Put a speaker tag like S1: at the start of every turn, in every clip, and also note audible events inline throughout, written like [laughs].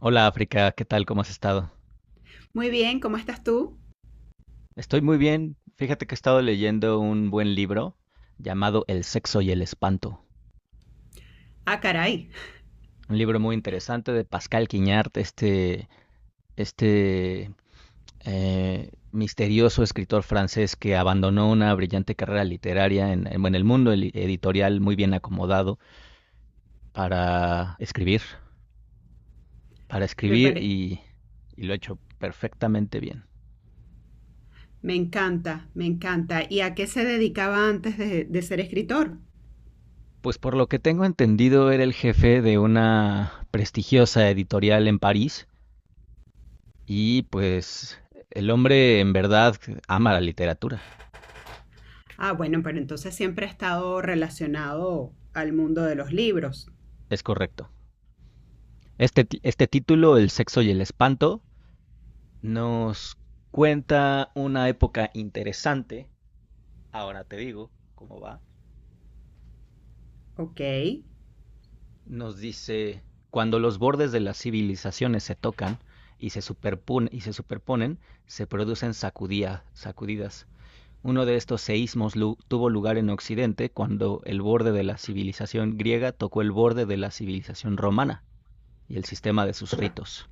S1: Hola África, ¿qué tal? ¿Cómo has estado?
S2: Muy bien, ¿cómo estás tú?
S1: Estoy muy bien. Fíjate que he estado leyendo un buen libro llamado El sexo y el espanto.
S2: Ah, caray,
S1: Un libro muy interesante de Pascal Quignard, este misterioso escritor francés que abandonó una brillante carrera literaria bueno, en el mundo editorial muy bien acomodado para escribir, para
S2: me,
S1: escribir
S2: pare-
S1: y, y lo ha hecho perfectamente bien.
S2: me encanta, me encanta. ¿Y a qué se dedicaba antes de ser escritor?
S1: Pues por lo que tengo entendido, era el jefe de una prestigiosa editorial en París y pues el hombre en verdad ama la literatura,
S2: Ah, bueno, pero entonces siempre ha estado relacionado al mundo de los libros.
S1: es correcto. Este título, El sexo y el espanto, nos cuenta una época interesante, ahora te digo cómo va,
S2: Ok.
S1: nos dice, cuando los bordes de las civilizaciones se tocan y se superponen, superponen, se producen sacudidas. Uno de estos seísmos tuvo lugar en Occidente cuando el borde de la civilización griega tocó el borde de la civilización romana y el sistema de sus ritos,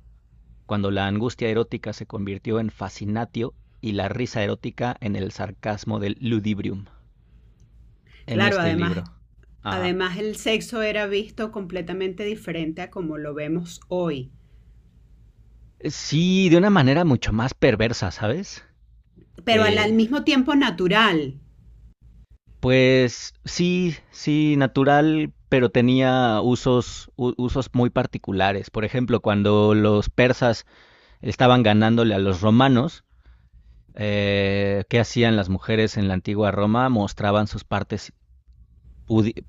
S1: cuando la angustia erótica se convirtió en fascinatio y la risa erótica en el sarcasmo del ludibrium, en
S2: Claro,
S1: este
S2: además,
S1: libro. Ajá.
S2: además el sexo era visto completamente diferente a como lo vemos hoy,
S1: Sí, de una manera mucho más perversa, ¿sabes?
S2: pero al
S1: Eh,
S2: mismo tiempo natural.
S1: pues sí, sí, natural, pero tenía usos muy particulares. Por ejemplo, cuando los persas estaban ganándole a los romanos. ¿Qué hacían las mujeres en la antigua Roma? Mostraban sus partes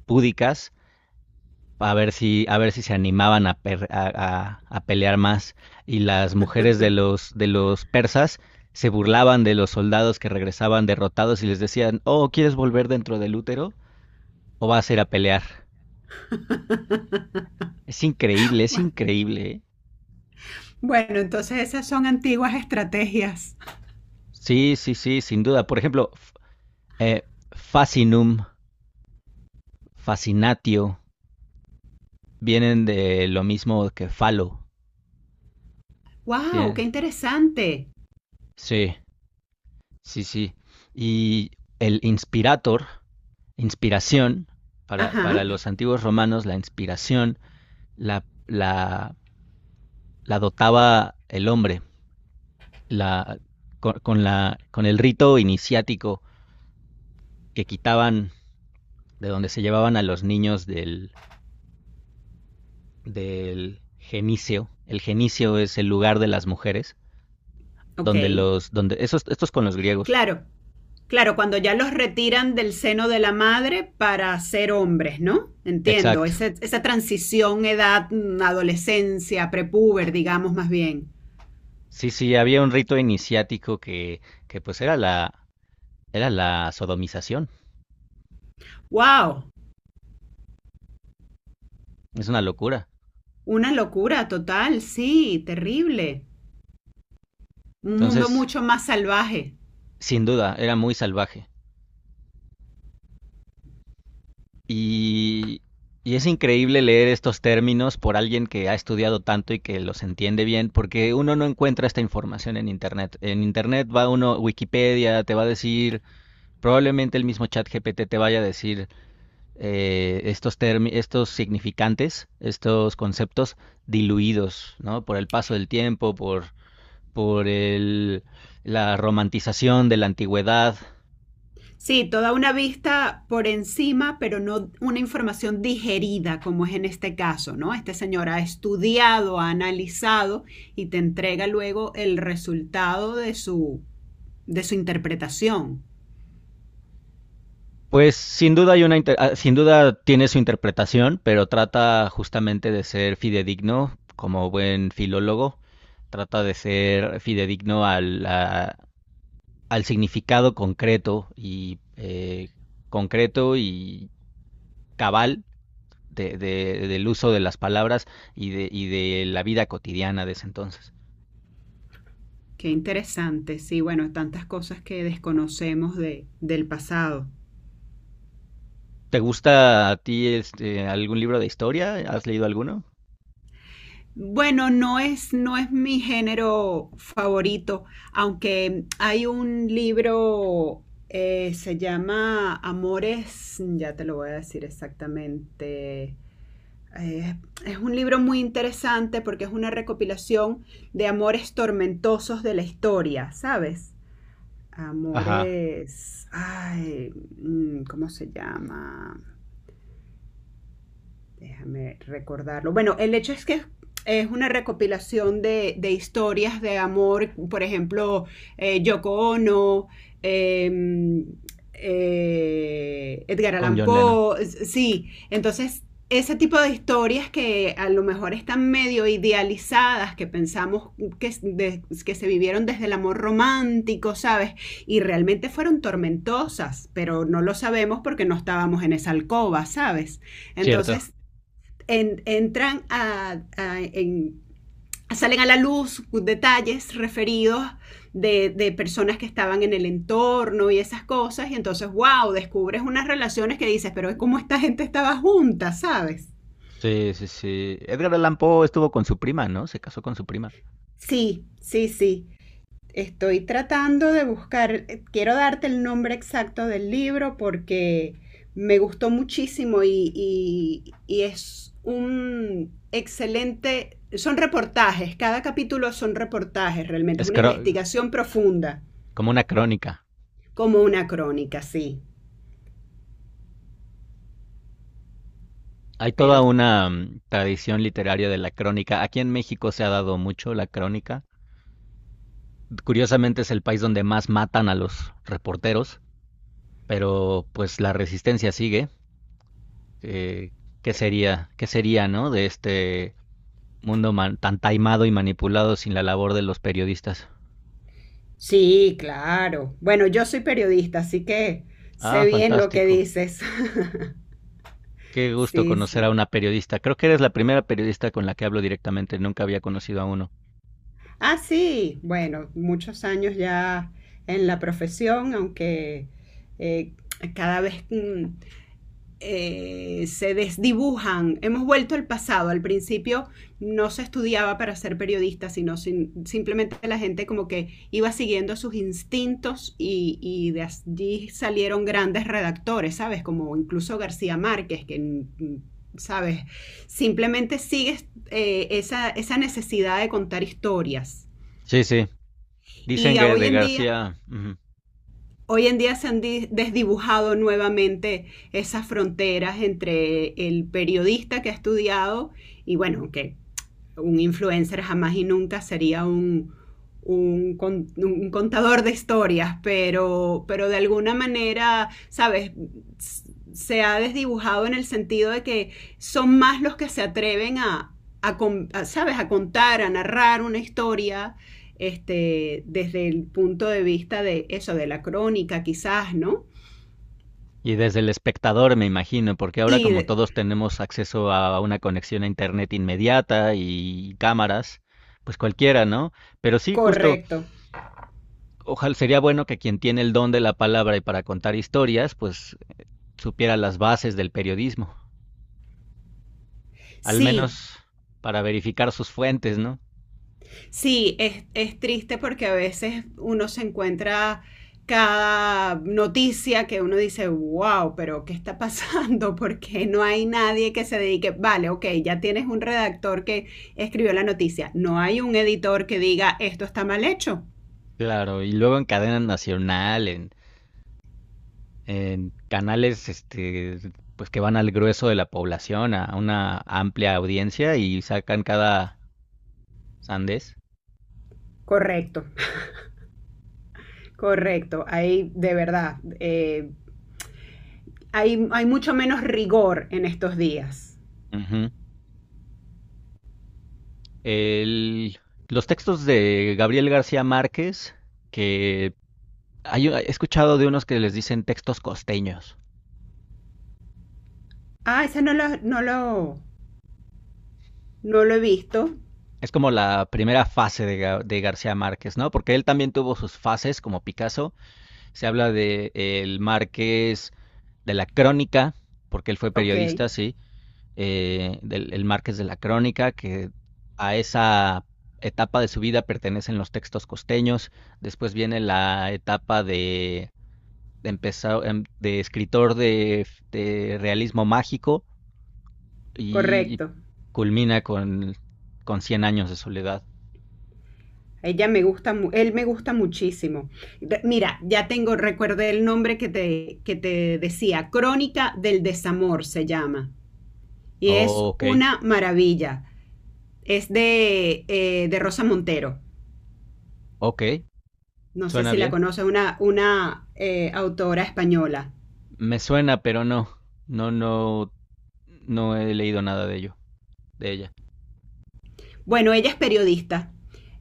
S1: púdicas a ver si se animaban a, per, a, pelear más. Y las mujeres de de los persas se burlaban de los soldados que regresaban derrotados y les decían, oh, ¿quieres volver dentro del útero o vas a ir a pelear? Es increíble, es
S2: Bueno,
S1: increíble, ¿eh?
S2: bueno, entonces esas son antiguas estrategias.
S1: Sí, sí, sí, sin duda. Por ejemplo, fascinum, fascinatio, vienen de lo mismo que falo.
S2: ¡Wow! ¡Qué
S1: Tienen-
S2: interesante!
S1: Sí, sí, sí. Y el inspirator, inspiración, para
S2: Ajá,
S1: los antiguos romanos, la inspiración la, la, la dotaba el hombre, la, con la, con el rito iniciático que quitaban de donde se llevaban a los niños del genicio. El genicio es el lugar de las mujeres,
S2: ok.
S1: donde estos con los griegos.
S2: Claro, claro, cuando ya los retiran del seno de la madre para ser hombres, ¿no? Entiendo,
S1: Exacto.
S2: esa transición, edad, adolescencia, prepúber, digamos más bien.
S1: Sí, sí, había un rito iniciático que pues era la sodomización.
S2: ¡Wow!
S1: Es una locura.
S2: Una locura total, sí, terrible. Un mundo
S1: Entonces,
S2: mucho más salvaje.
S1: sin duda, era muy salvaje. Y, y es increíble leer estos términos por alguien que ha estudiado tanto y que los entiende bien, porque uno no encuentra esta información en Internet. En Internet va uno, Wikipedia te va a decir, probablemente el mismo chat GPT te vaya a decir, estos significantes, estos conceptos diluidos, ¿no? Por el paso del tiempo, por la romantización de la antigüedad.
S2: Sí, toda una vista por encima, pero no una información digerida como es en este caso, ¿no? Este señor ha estudiado, ha analizado y te entrega luego el resultado de su interpretación.
S1: Pues sin duda hay una sin duda tiene su interpretación, pero trata justamente de ser fidedigno como buen filólogo, trata de ser fidedigno al significado concreto y cabal del uso de las palabras y y de la vida cotidiana de ese entonces.
S2: Qué interesante, sí, bueno, tantas cosas que desconocemos de, del pasado.
S1: ¿Te gusta a ti este, algún libro de historia? ¿Has leído alguno?
S2: Bueno, no es mi género favorito, aunque hay un libro, se llama Amores, ya te lo voy a decir exactamente. Eh, es un libro muy interesante porque es una recopilación de amores tormentosos de la historia, ¿sabes?
S1: Ajá,
S2: Amores, ay, mm, ¿cómo se llama? Déjame recordarlo. Bueno, el hecho es que es una recopilación de historias de amor, por ejemplo, Yoko Ono, eh, Edgar
S1: con
S2: Allan
S1: John Lennon.
S2: Poe, sí, entonces ese tipo de historias que a lo mejor están medio idealizadas, que pensamos que se vivieron desde el amor romántico, ¿sabes? Y realmente fueron tormentosas, pero no lo sabemos porque no estábamos en esa alcoba, ¿sabes?
S1: Cierto.
S2: Entonces, en, entran a, en, salen a la luz detalles referidos de personas que estaban en el entorno y esas cosas, y entonces, wow, descubres unas relaciones que dices, pero es como esta gente estaba junta, ¿sabes?
S1: Sí, sí, sí. Edgar Allan Poe estuvo con su prima, ¿no? Se casó con su prima.
S2: Sí, sí, sí. Estoy tratando de buscar, quiero darte el nombre exacto del libro porque me gustó muchísimo y y es un excelente, son reportajes, cada capítulo son reportajes realmente, es
S1: Es
S2: una
S1: cro-
S2: investigación profunda,
S1: Como una crónica.
S2: como una crónica, sí,
S1: Hay
S2: pero
S1: toda una mm, tradición literaria de la crónica. Aquí en México se ha dado mucho la crónica. Curiosamente es el país donde más matan a los reporteros, pero pues la resistencia sigue. eh, ¿Qué sería, qué sería, ¿no? De este mundo tan taimado y manipulado sin la labor de los periodistas.
S2: sí, claro. Bueno, yo soy periodista, así que
S1: Ah,
S2: sé bien lo que
S1: fantástico.
S2: dices. [laughs]
S1: Qué gusto
S2: Sí,
S1: conocer a
S2: sí.
S1: una periodista. Creo que eres la primera periodista con la que hablo directamente. Nunca había conocido a uno.
S2: Ah, sí, bueno, muchos años ya en la profesión, aunque eh, cada vez se desdibujan. Hemos vuelto al pasado. Al principio no se estudiaba para ser periodista, sino simplemente la gente como que iba siguiendo sus instintos y de allí salieron grandes redactores, ¿sabes? Como incluso García Márquez, que, mm, ¿sabes? Simplemente sigues esa necesidad de contar historias.
S1: Sí, sí.
S2: Y
S1: Dicen
S2: a
S1: que
S2: hoy
S1: de
S2: en día,
S1: García. Ujú.
S2: Hoy en día se han desdibujado nuevamente esas fronteras entre el periodista que ha estudiado y bueno, que un influencer jamás y nunca sería un, un contador de historias, pero de alguna manera, ¿sabes? Se ha desdibujado en el sentido de que son más los que se atreven a, a ¿sabes? A contar, a narrar una historia. Este, desde el punto de vista de eso, de la crónica quizás, ¿no?
S1: Y desde el espectador, me imagino, porque ahora como
S2: Y
S1: todos tenemos acceso a una conexión a internet inmediata y cámaras, pues cualquiera, ¿no? Pero sí, justo
S2: correcto.
S1: ojalá sería bueno que quien tiene el don de la palabra y para contar historias, pues supiera las bases del periodismo, al
S2: Sí,
S1: menos para verificar sus fuentes, ¿no?
S2: sí, es triste porque a veces uno se encuentra cada noticia que uno dice, wow, pero ¿qué está pasando? [laughs] Porque no hay nadie que se dedique, vale, ok, ya tienes un redactor que escribió la noticia, no hay un editor que diga, esto está mal hecho.
S1: Claro, y luego en cadena nacional, en canales este, pues que van al grueso de la población, a una amplia audiencia y sacan cada sandés.
S2: Correcto, correcto, hay de verdad, hay mucho menos rigor en estos días.
S1: Ujú. El- los textos de Gabriel García Márquez, que he escuchado de unos que les dicen textos costeños.
S2: Ah, ese no lo, no lo, no lo he visto.
S1: Es como la primera fase de, de García Márquez, ¿no? Porque él también tuvo sus fases, como Picasso. Se habla de el Márquez de la Crónica, porque él fue
S2: Ok,
S1: periodista, sí. Del el Márquez de la Crónica, que a esa etapa de su vida pertenecen los textos costeños. Después viene la etapa de empezar em, de escritor de realismo mágico y
S2: correcto.
S1: culmina con Cien años de soledad.
S2: Ella me gusta, él me gusta muchísimo. Mira, ya tengo, recuerde el nombre que te decía, Crónica del Desamor se llama. Y es
S1: Oh, ok.
S2: una maravilla. Es de Rosa Montero.
S1: Ok,
S2: No sé
S1: suena
S2: si la
S1: bien.
S2: conoces, una autora española.
S1: Me suena, pero no, no he leído nada de ello, de ella.
S2: Bueno, ella es periodista.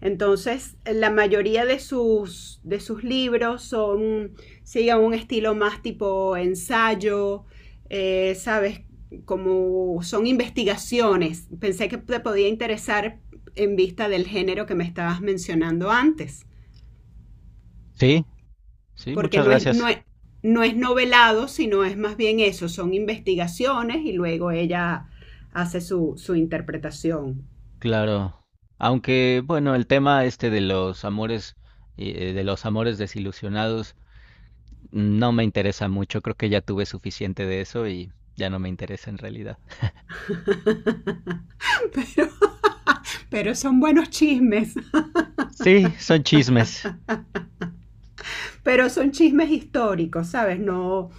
S2: Entonces, la mayoría de sus libros son, siguen un estilo más tipo ensayo, ¿sabes? Como son investigaciones. Pensé que te podía interesar en vista del género que me estabas mencionando antes,
S1: Sí, sí,
S2: porque
S1: muchas gracias.
S2: no es novelado, sino es más bien eso, son investigaciones y luego ella hace su, su interpretación.
S1: Claro. Aunque, bueno, el tema este de los amores desilusionados, no me interesa mucho. Creo que ya tuve suficiente de eso y ya no me interesa en realidad.
S2: [laughs] Pero, [laughs] pero son buenos chismes,
S1: Sí, son chismes.
S2: [laughs] pero son chismes históricos, ¿sabes? No,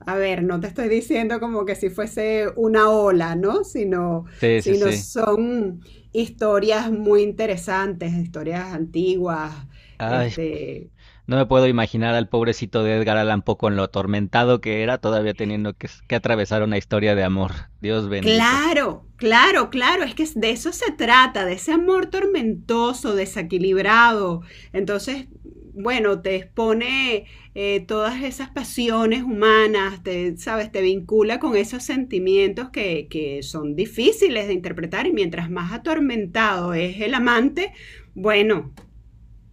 S2: a ver, no te estoy diciendo como que si fuese una ola, ¿no?
S1: Sí, sí,
S2: Sino
S1: sí.
S2: son historias muy interesantes, historias antiguas,
S1: Ay,
S2: este,
S1: no me puedo imaginar al pobrecito de Edgar Allan Poe con lo atormentado que era, todavía teniendo que atravesar una historia de amor. Dios bendito.
S2: claro, claro, claro, es que de eso se trata, de ese amor tormentoso, desequilibrado. Entonces, bueno, te expone todas esas pasiones humanas, te, sabes, te vincula con esos sentimientos que son difíciles de interpretar y mientras más atormentado es el amante, bueno,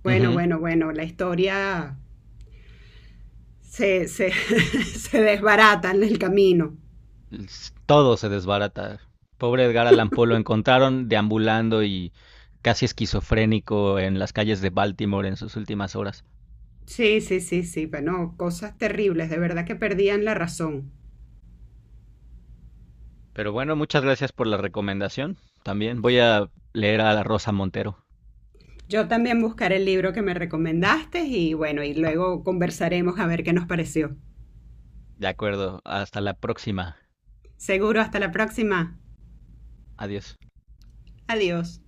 S1: Ujú.
S2: bueno, la historia se [laughs] se desbarata en el camino.
S1: Todo se desbarata. Pobre Edgar Allan Poe lo encontraron deambulando y casi esquizofrénico en las calles de Baltimore en sus últimas horas.
S2: Sí, sí, sí, sí, bueno, cosas terribles, de verdad que perdían la razón.
S1: Pero bueno, muchas gracias por la recomendación. También voy a leer a la Rosa Montero.
S2: Yo también buscaré el libro que me recomendaste y bueno, y luego conversaremos a ver qué nos pareció.
S1: De acuerdo, hasta la próxima.
S2: Seguro, hasta la próxima.
S1: Adiós.
S2: Adiós.